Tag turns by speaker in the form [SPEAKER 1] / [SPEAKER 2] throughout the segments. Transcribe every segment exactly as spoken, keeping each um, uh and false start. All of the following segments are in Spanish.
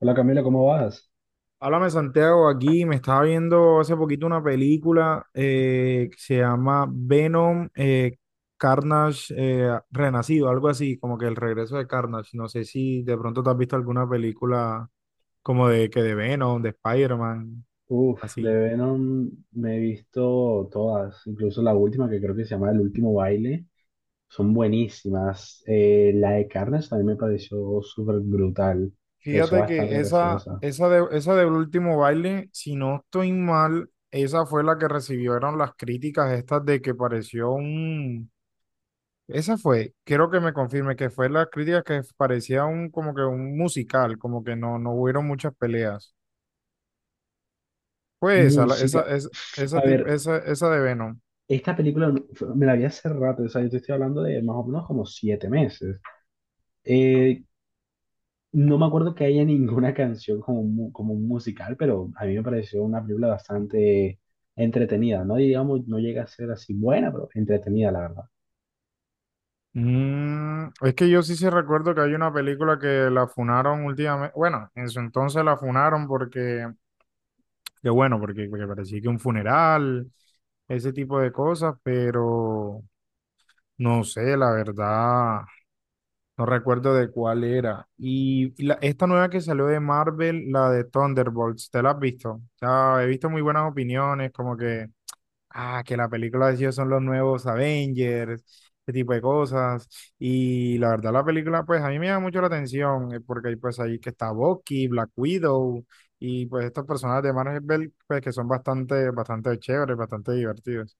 [SPEAKER 1] Hola Camila, ¿cómo vas?
[SPEAKER 2] Háblame, Santiago, aquí me estaba viendo hace poquito una película eh, que se llama Venom, eh, Carnage, eh, Renacido, algo así, como que el regreso de Carnage. No sé si de pronto te has visto alguna película como de que de Venom, de Spider-Man,
[SPEAKER 1] Uf, de
[SPEAKER 2] así.
[SPEAKER 1] Venom me he visto todas, incluso la última que creo que se llama El Último Baile, son buenísimas. Eh, la de Carnage también me pareció súper brutal, pareció
[SPEAKER 2] Fíjate que
[SPEAKER 1] bastante
[SPEAKER 2] esa,
[SPEAKER 1] graciosa.
[SPEAKER 2] esa de, esa del último baile, si no estoy mal, esa fue la que recibieron las críticas estas de que pareció un... Esa fue, quiero que me confirme que fue la crítica que parecía un como que un musical, como que no, no hubieron muchas peleas. Fue esa, la- esa,
[SPEAKER 1] Música,
[SPEAKER 2] es-
[SPEAKER 1] a
[SPEAKER 2] esa, tip-
[SPEAKER 1] ver,
[SPEAKER 2] esa, esa de Venom.
[SPEAKER 1] esta película no- fue- me la vi hace rato, o sea, yo te estoy hablando de más o menos como siete meses. Eh, No me acuerdo que haya ninguna canción como un, mu- como un musical, pero a mí me pareció una película bastante entretenida, ¿no? Digamos, no llega a ser así buena, pero entretenida, la verdad.
[SPEAKER 2] Mm, es que yo sí sí recuerdo que hay una película que la funaron últimamente, bueno, en su entonces la funaron porque, que bueno, porque, porque parecía que un funeral, ese tipo de cosas, pero no sé, la verdad. No recuerdo de cuál era. Y y la- esta nueva que salió de Marvel, la de Thunderbolts, ¿te la has visto? O sea, he visto muy buenas opiniones, como que, ah, que la película de ellos son los nuevos Avengers, ese tipo de cosas. Y la verdad, la película, pues a mí me llama mucho la atención, eh, porque hay pues ahí que está Bucky, Black Widow, y pues estos personajes de Marvel, pues que son bastante, bastante chéveres, bastante divertidos.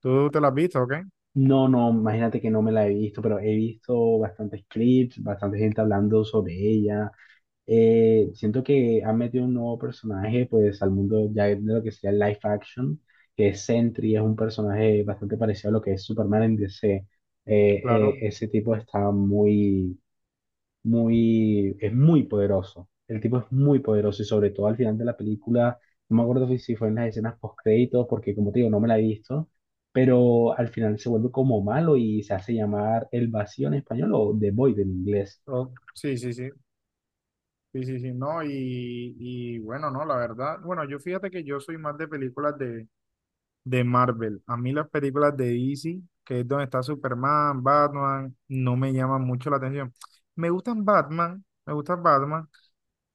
[SPEAKER 2] ¿Tú te la has visto, o qué?
[SPEAKER 1] No, no, imagínate que no me la he visto, pero he visto bastantes clips, bastante gente hablando sobre ella. Eh, siento que han metido un nuevo personaje, pues, al mundo ya de lo que sería el live action, que es Sentry, es un personaje bastante parecido a lo que es Superman en D C. Eh, eh,
[SPEAKER 2] Claro.
[SPEAKER 1] ese tipo está muy muy, es muy poderoso. El tipo es muy poderoso y sobre todo al final de la película, no me acuerdo si si fue en las escenas post créditos, porque como te digo, no me la he visto, pero al final se vuelve como malo y se hace llamar El Vacío en español o The Void en inglés.
[SPEAKER 2] Oh, sí, sí, sí. Sí, sí, sí, no, y, y bueno, no, la verdad, bueno, yo fíjate que yo soy más de películas de, de Marvel. A mí las películas de D C, que es donde está Superman, Batman, no me llaman mucho la atención. Me gustan Batman, me gustan Batman,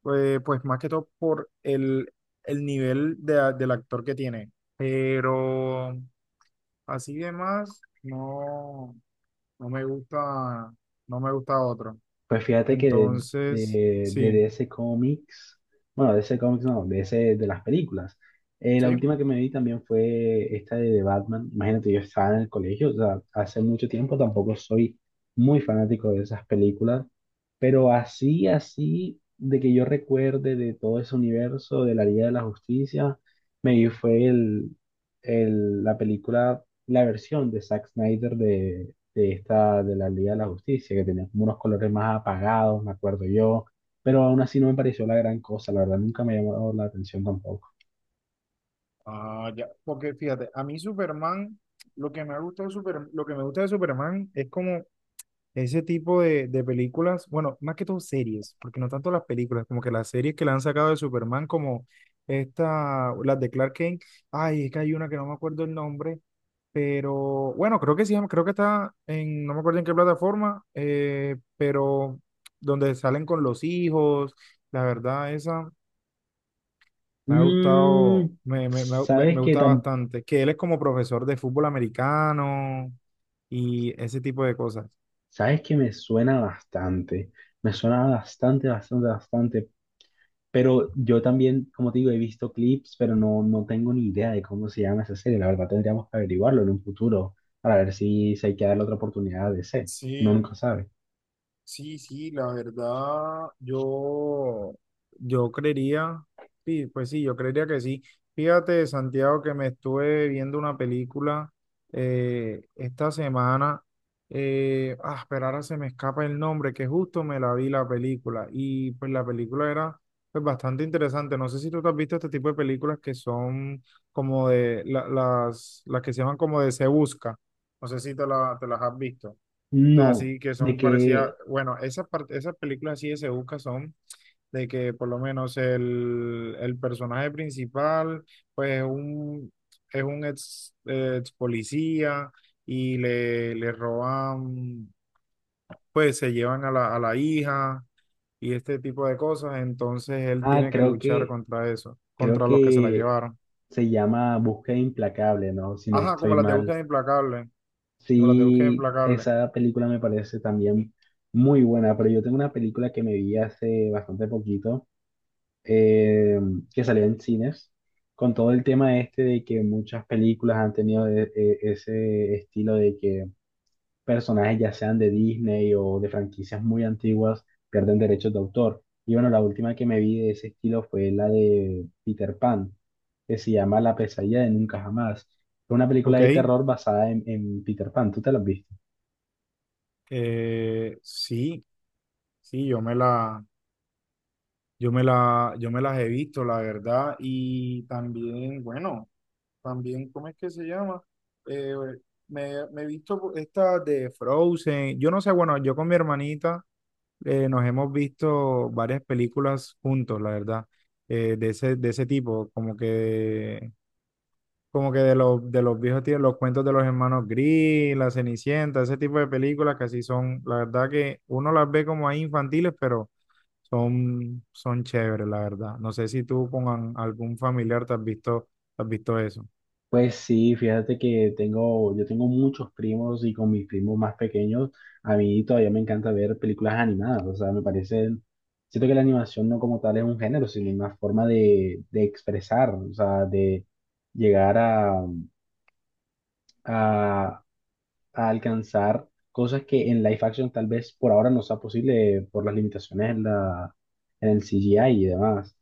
[SPEAKER 2] pues, pues más que todo por el, el nivel de, del actor que tiene. Pero así de más, no, no me gusta, no me gusta otro.
[SPEAKER 1] Pues fíjate que de,
[SPEAKER 2] Entonces,
[SPEAKER 1] de, de
[SPEAKER 2] sí.
[SPEAKER 1] D C Comics, bueno, de D C Comics no, de ese, de las películas. Eh, la
[SPEAKER 2] Sí.
[SPEAKER 1] última que me vi también fue esta de The Batman. Imagínate, yo estaba en el colegio, o sea, hace mucho tiempo tampoco soy muy fanático de esas películas, pero así, así, de que yo recuerde de todo ese universo, de la Liga de la Justicia, me vi fue el, el- la película, la versión de Zack Snyder de esta, de la Liga de la Justicia, que tenía como unos colores más apagados, me acuerdo yo, pero aún así no me pareció la gran cosa, la verdad nunca me llamó la atención tampoco.
[SPEAKER 2] Ah, ya. Porque fíjate, a mí Superman, lo que me gusta de Superman, lo que me gusta de Superman es como ese tipo de, de películas, bueno, más que todo series, porque no tanto las películas, como que las series que le han sacado de Superman, como esta, las de Clark Kent, ay, es que hay una que no me acuerdo el nombre, pero bueno, creo que sí, creo que está en, no me acuerdo en qué plataforma, eh, pero donde salen con los hijos, la verdad, esa. Me ha gustado,
[SPEAKER 1] Mm,
[SPEAKER 2] me, me, me, me-
[SPEAKER 1] ¿sabes
[SPEAKER 2] me
[SPEAKER 1] qué
[SPEAKER 2] gusta
[SPEAKER 1] tam
[SPEAKER 2] bastante, que él es como profesor de fútbol americano y ese tipo de cosas.
[SPEAKER 1] ¿Sabes que me suena bastante? Me suena bastante, bastante, bastante, pero yo también, como te digo, he visto clips, pero no, no tengo ni idea de cómo se llama esa serie, la verdad tendríamos que averiguarlo en un futuro para ver si se hay que darle otra oportunidad de ser, uno
[SPEAKER 2] Sí.
[SPEAKER 1] nunca sabe.
[SPEAKER 2] Sí, sí, la verdad, yo, yo creería, sí, pues sí, yo creería que sí. Fíjate, Santiago, que me estuve viendo una película eh, esta semana. Eh, ah, pero ahora se me escapa el nombre, que justo me la vi la película. Y pues la película era pues, bastante interesante. No sé si tú te has visto este tipo de películas que son como de la- las, las que se llaman como de Se Busca. No sé si te la- te las has visto las
[SPEAKER 1] No,
[SPEAKER 2] así que
[SPEAKER 1] de
[SPEAKER 2] son parecidas,
[SPEAKER 1] que,
[SPEAKER 2] bueno, esas, par- esas películas así de Sebuca son de que por lo menos el, el personaje principal pues es un, es un ex, eh, ex policía y le, le roban, pues se llevan a la, a la hija y este tipo de cosas, entonces él
[SPEAKER 1] ah,
[SPEAKER 2] tiene que
[SPEAKER 1] Creo
[SPEAKER 2] luchar
[SPEAKER 1] que
[SPEAKER 2] contra eso,
[SPEAKER 1] creo
[SPEAKER 2] contra los que se la
[SPEAKER 1] que
[SPEAKER 2] llevaron.
[SPEAKER 1] se llama Búsqueda Implacable, ¿no? Si no
[SPEAKER 2] Ajá, como
[SPEAKER 1] estoy
[SPEAKER 2] las de
[SPEAKER 1] mal.
[SPEAKER 2] Búsqueda Implacable, como las de Búsqueda
[SPEAKER 1] Sí,
[SPEAKER 2] Implacable.
[SPEAKER 1] esa película me parece también muy buena, pero yo tengo una película que me vi hace bastante poquito, eh, que salió en cines, con todo el tema este de que muchas películas han tenido e- e- ese estilo de que personajes, ya sean de Disney o de franquicias muy antiguas, pierden derechos de autor. Y bueno, la última que me vi de ese estilo fue la de Peter Pan, que se llama La pesadilla de nunca jamás. Fue una película
[SPEAKER 2] Ok,
[SPEAKER 1] de terror basada en, en Peter Pan. ¿Tú te la has visto?
[SPEAKER 2] eh, sí, sí, yo me la... Yo me la, yo me las he visto, la verdad, y también, bueno, también, ¿cómo es que se llama? Eh, me, me he visto estas de Frozen, yo no sé, bueno, yo con mi hermanita eh, nos hemos visto varias películas juntos, la verdad, eh, de ese, de ese tipo, como que, como que de los, de los viejos tíos, los cuentos de los hermanos Grimm, La Cenicienta, ese tipo de películas que así son, la verdad que uno las ve como ahí infantiles, pero son, son chéveres, la verdad. No sé si tú con an- algún familiar te has visto, te has visto eso.
[SPEAKER 1] Pues sí, fíjate que tengo, yo tengo muchos primos y con mis primos más pequeños, a mí todavía me encanta ver películas animadas, o sea, me parece, siento que la animación no como tal es un género, sino una forma de, de expresar, o sea, de llegar a, a, a alcanzar cosas que en live action tal vez por ahora no sea posible por las limitaciones en la, en el C G I y demás.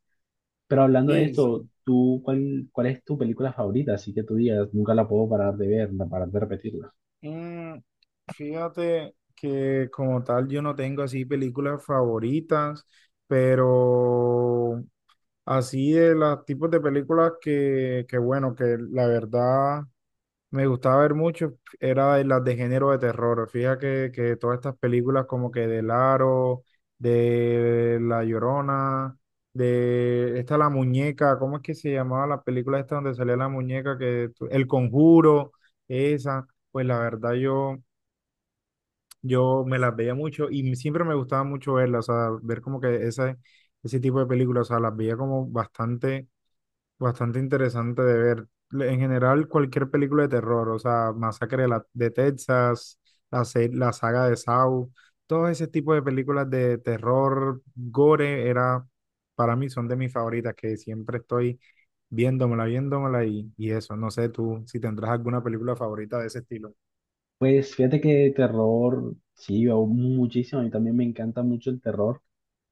[SPEAKER 1] Pero hablando de
[SPEAKER 2] Sí,
[SPEAKER 1] esto,
[SPEAKER 2] sí.
[SPEAKER 1] ¿tú cuál, cuál es tu película favorita? Así que tú digas, nunca la puedo parar de ver, no parar de repetirla.
[SPEAKER 2] Mm, Fíjate que como tal yo no tengo así películas favoritas, pero así de los tipos de películas que, que bueno, que la verdad me gustaba ver mucho, era de las de género de terror. Fíjate que, que todas estas películas como que del Aro, de La Llorona, de esta La Muñeca, ¿cómo es que se llamaba la película esta donde salía la muñeca? Que, tu- El Conjuro, esa, pues la verdad yo, yo me las veía mucho y siempre me gustaba mucho verlas, o sea, ver como que ese, ese tipo de películas, o sea, las veía como bastante, bastante interesante de ver. Le- En general, cualquier película de terror, o sea, Masacre de, la- de Texas, la, se- la saga de Saw, todo ese tipo de películas de terror, gore, era, para mí son de mis favoritas, que siempre estoy viéndomela, viéndomela y, y eso. No sé tú si tendrás alguna película favorita de ese estilo.
[SPEAKER 1] Pues fíjate que terror, sí, veo muchísimo. A mí también me encanta mucho el terror.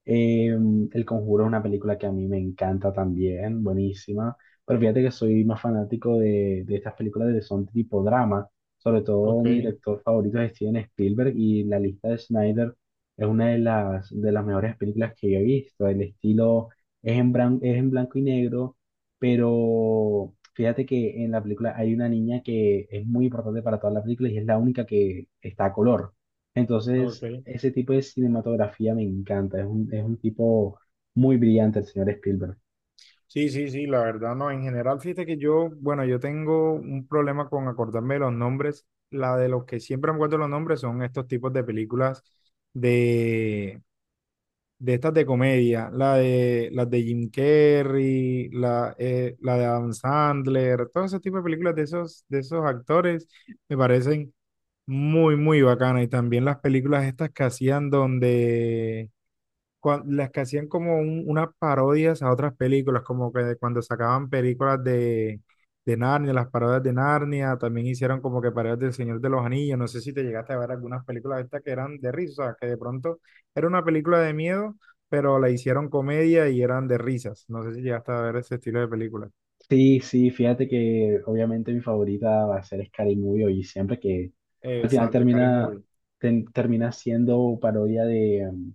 [SPEAKER 1] Eh, El Conjuro es una película que a mí me encanta también, buenísima. Pero fíjate que soy más fanático de, de estas películas de son tipo drama. Sobre todo
[SPEAKER 2] Ok,
[SPEAKER 1] mi director favorito es Steven Spielberg y la lista de Snyder es una de las, de las mejores películas que yo he visto. El estilo es en, bran- es en blanco y negro, pero fíjate que en la película hay una niña que es muy importante para toda la película y es la única que está a color. Entonces,
[SPEAKER 2] ok.
[SPEAKER 1] ese tipo de cinematografía me encanta, es un, es un tipo muy brillante el señor Spielberg.
[SPEAKER 2] Sí, sí, sí, la verdad no. En general, fíjate que yo, bueno, yo tengo un problema con acordarme de los nombres. La de los que siempre me acuerdo los nombres son estos tipos de películas de, de estas de comedia. La de, las de Jim Carrey, la, eh, la de Adam Sandler, todo ese tipo de películas de esos, de esos actores me parecen muy, muy bacanas. Y también las películas estas que hacían donde cua- las que hacían como un- unas parodias a otras películas, como que cuando sacaban películas de, de Narnia, las parodias de Narnia, también hicieron como que parodias del Señor de los Anillos. No sé si te llegaste a ver algunas películas de estas que eran de risa, que de pronto era una película de miedo, pero la hicieron comedia y eran de risas. No sé si llegaste a ver ese estilo de películas.
[SPEAKER 1] Sí, sí, fíjate que obviamente mi favorita va a ser Scary Movie y siempre que al final
[SPEAKER 2] Exacto, Scary
[SPEAKER 1] termina,
[SPEAKER 2] Movie.
[SPEAKER 1] ten- termina siendo parodia de, um,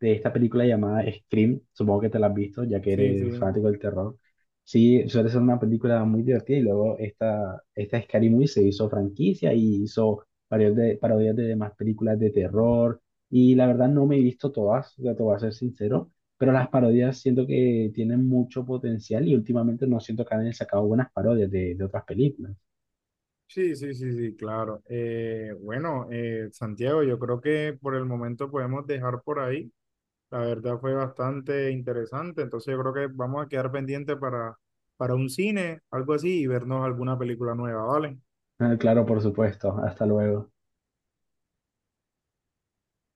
[SPEAKER 1] de esta película llamada Scream, supongo que te la has visto, ya que
[SPEAKER 2] Sí,
[SPEAKER 1] eres
[SPEAKER 2] sí.
[SPEAKER 1] fanático del terror. Sí, suele ser una película muy divertida y luego esta, esta Scary Movie se hizo franquicia y hizo varios de, parodias de demás películas de terror y la verdad no me he visto todas, ya te voy a ser sincero, pero las parodias siento que tienen mucho potencial y últimamente no siento que hayan sacado buenas parodias de, de otras películas.
[SPEAKER 2] Sí, sí, sí, sí, claro. Eh, bueno, eh, Santiago, yo creo que por el momento podemos dejar por ahí. La verdad fue bastante interesante, entonces yo creo que vamos a quedar pendientes para, para un cine, algo así, y vernos alguna película nueva, ¿vale?
[SPEAKER 1] Ah, claro, por supuesto. Hasta luego.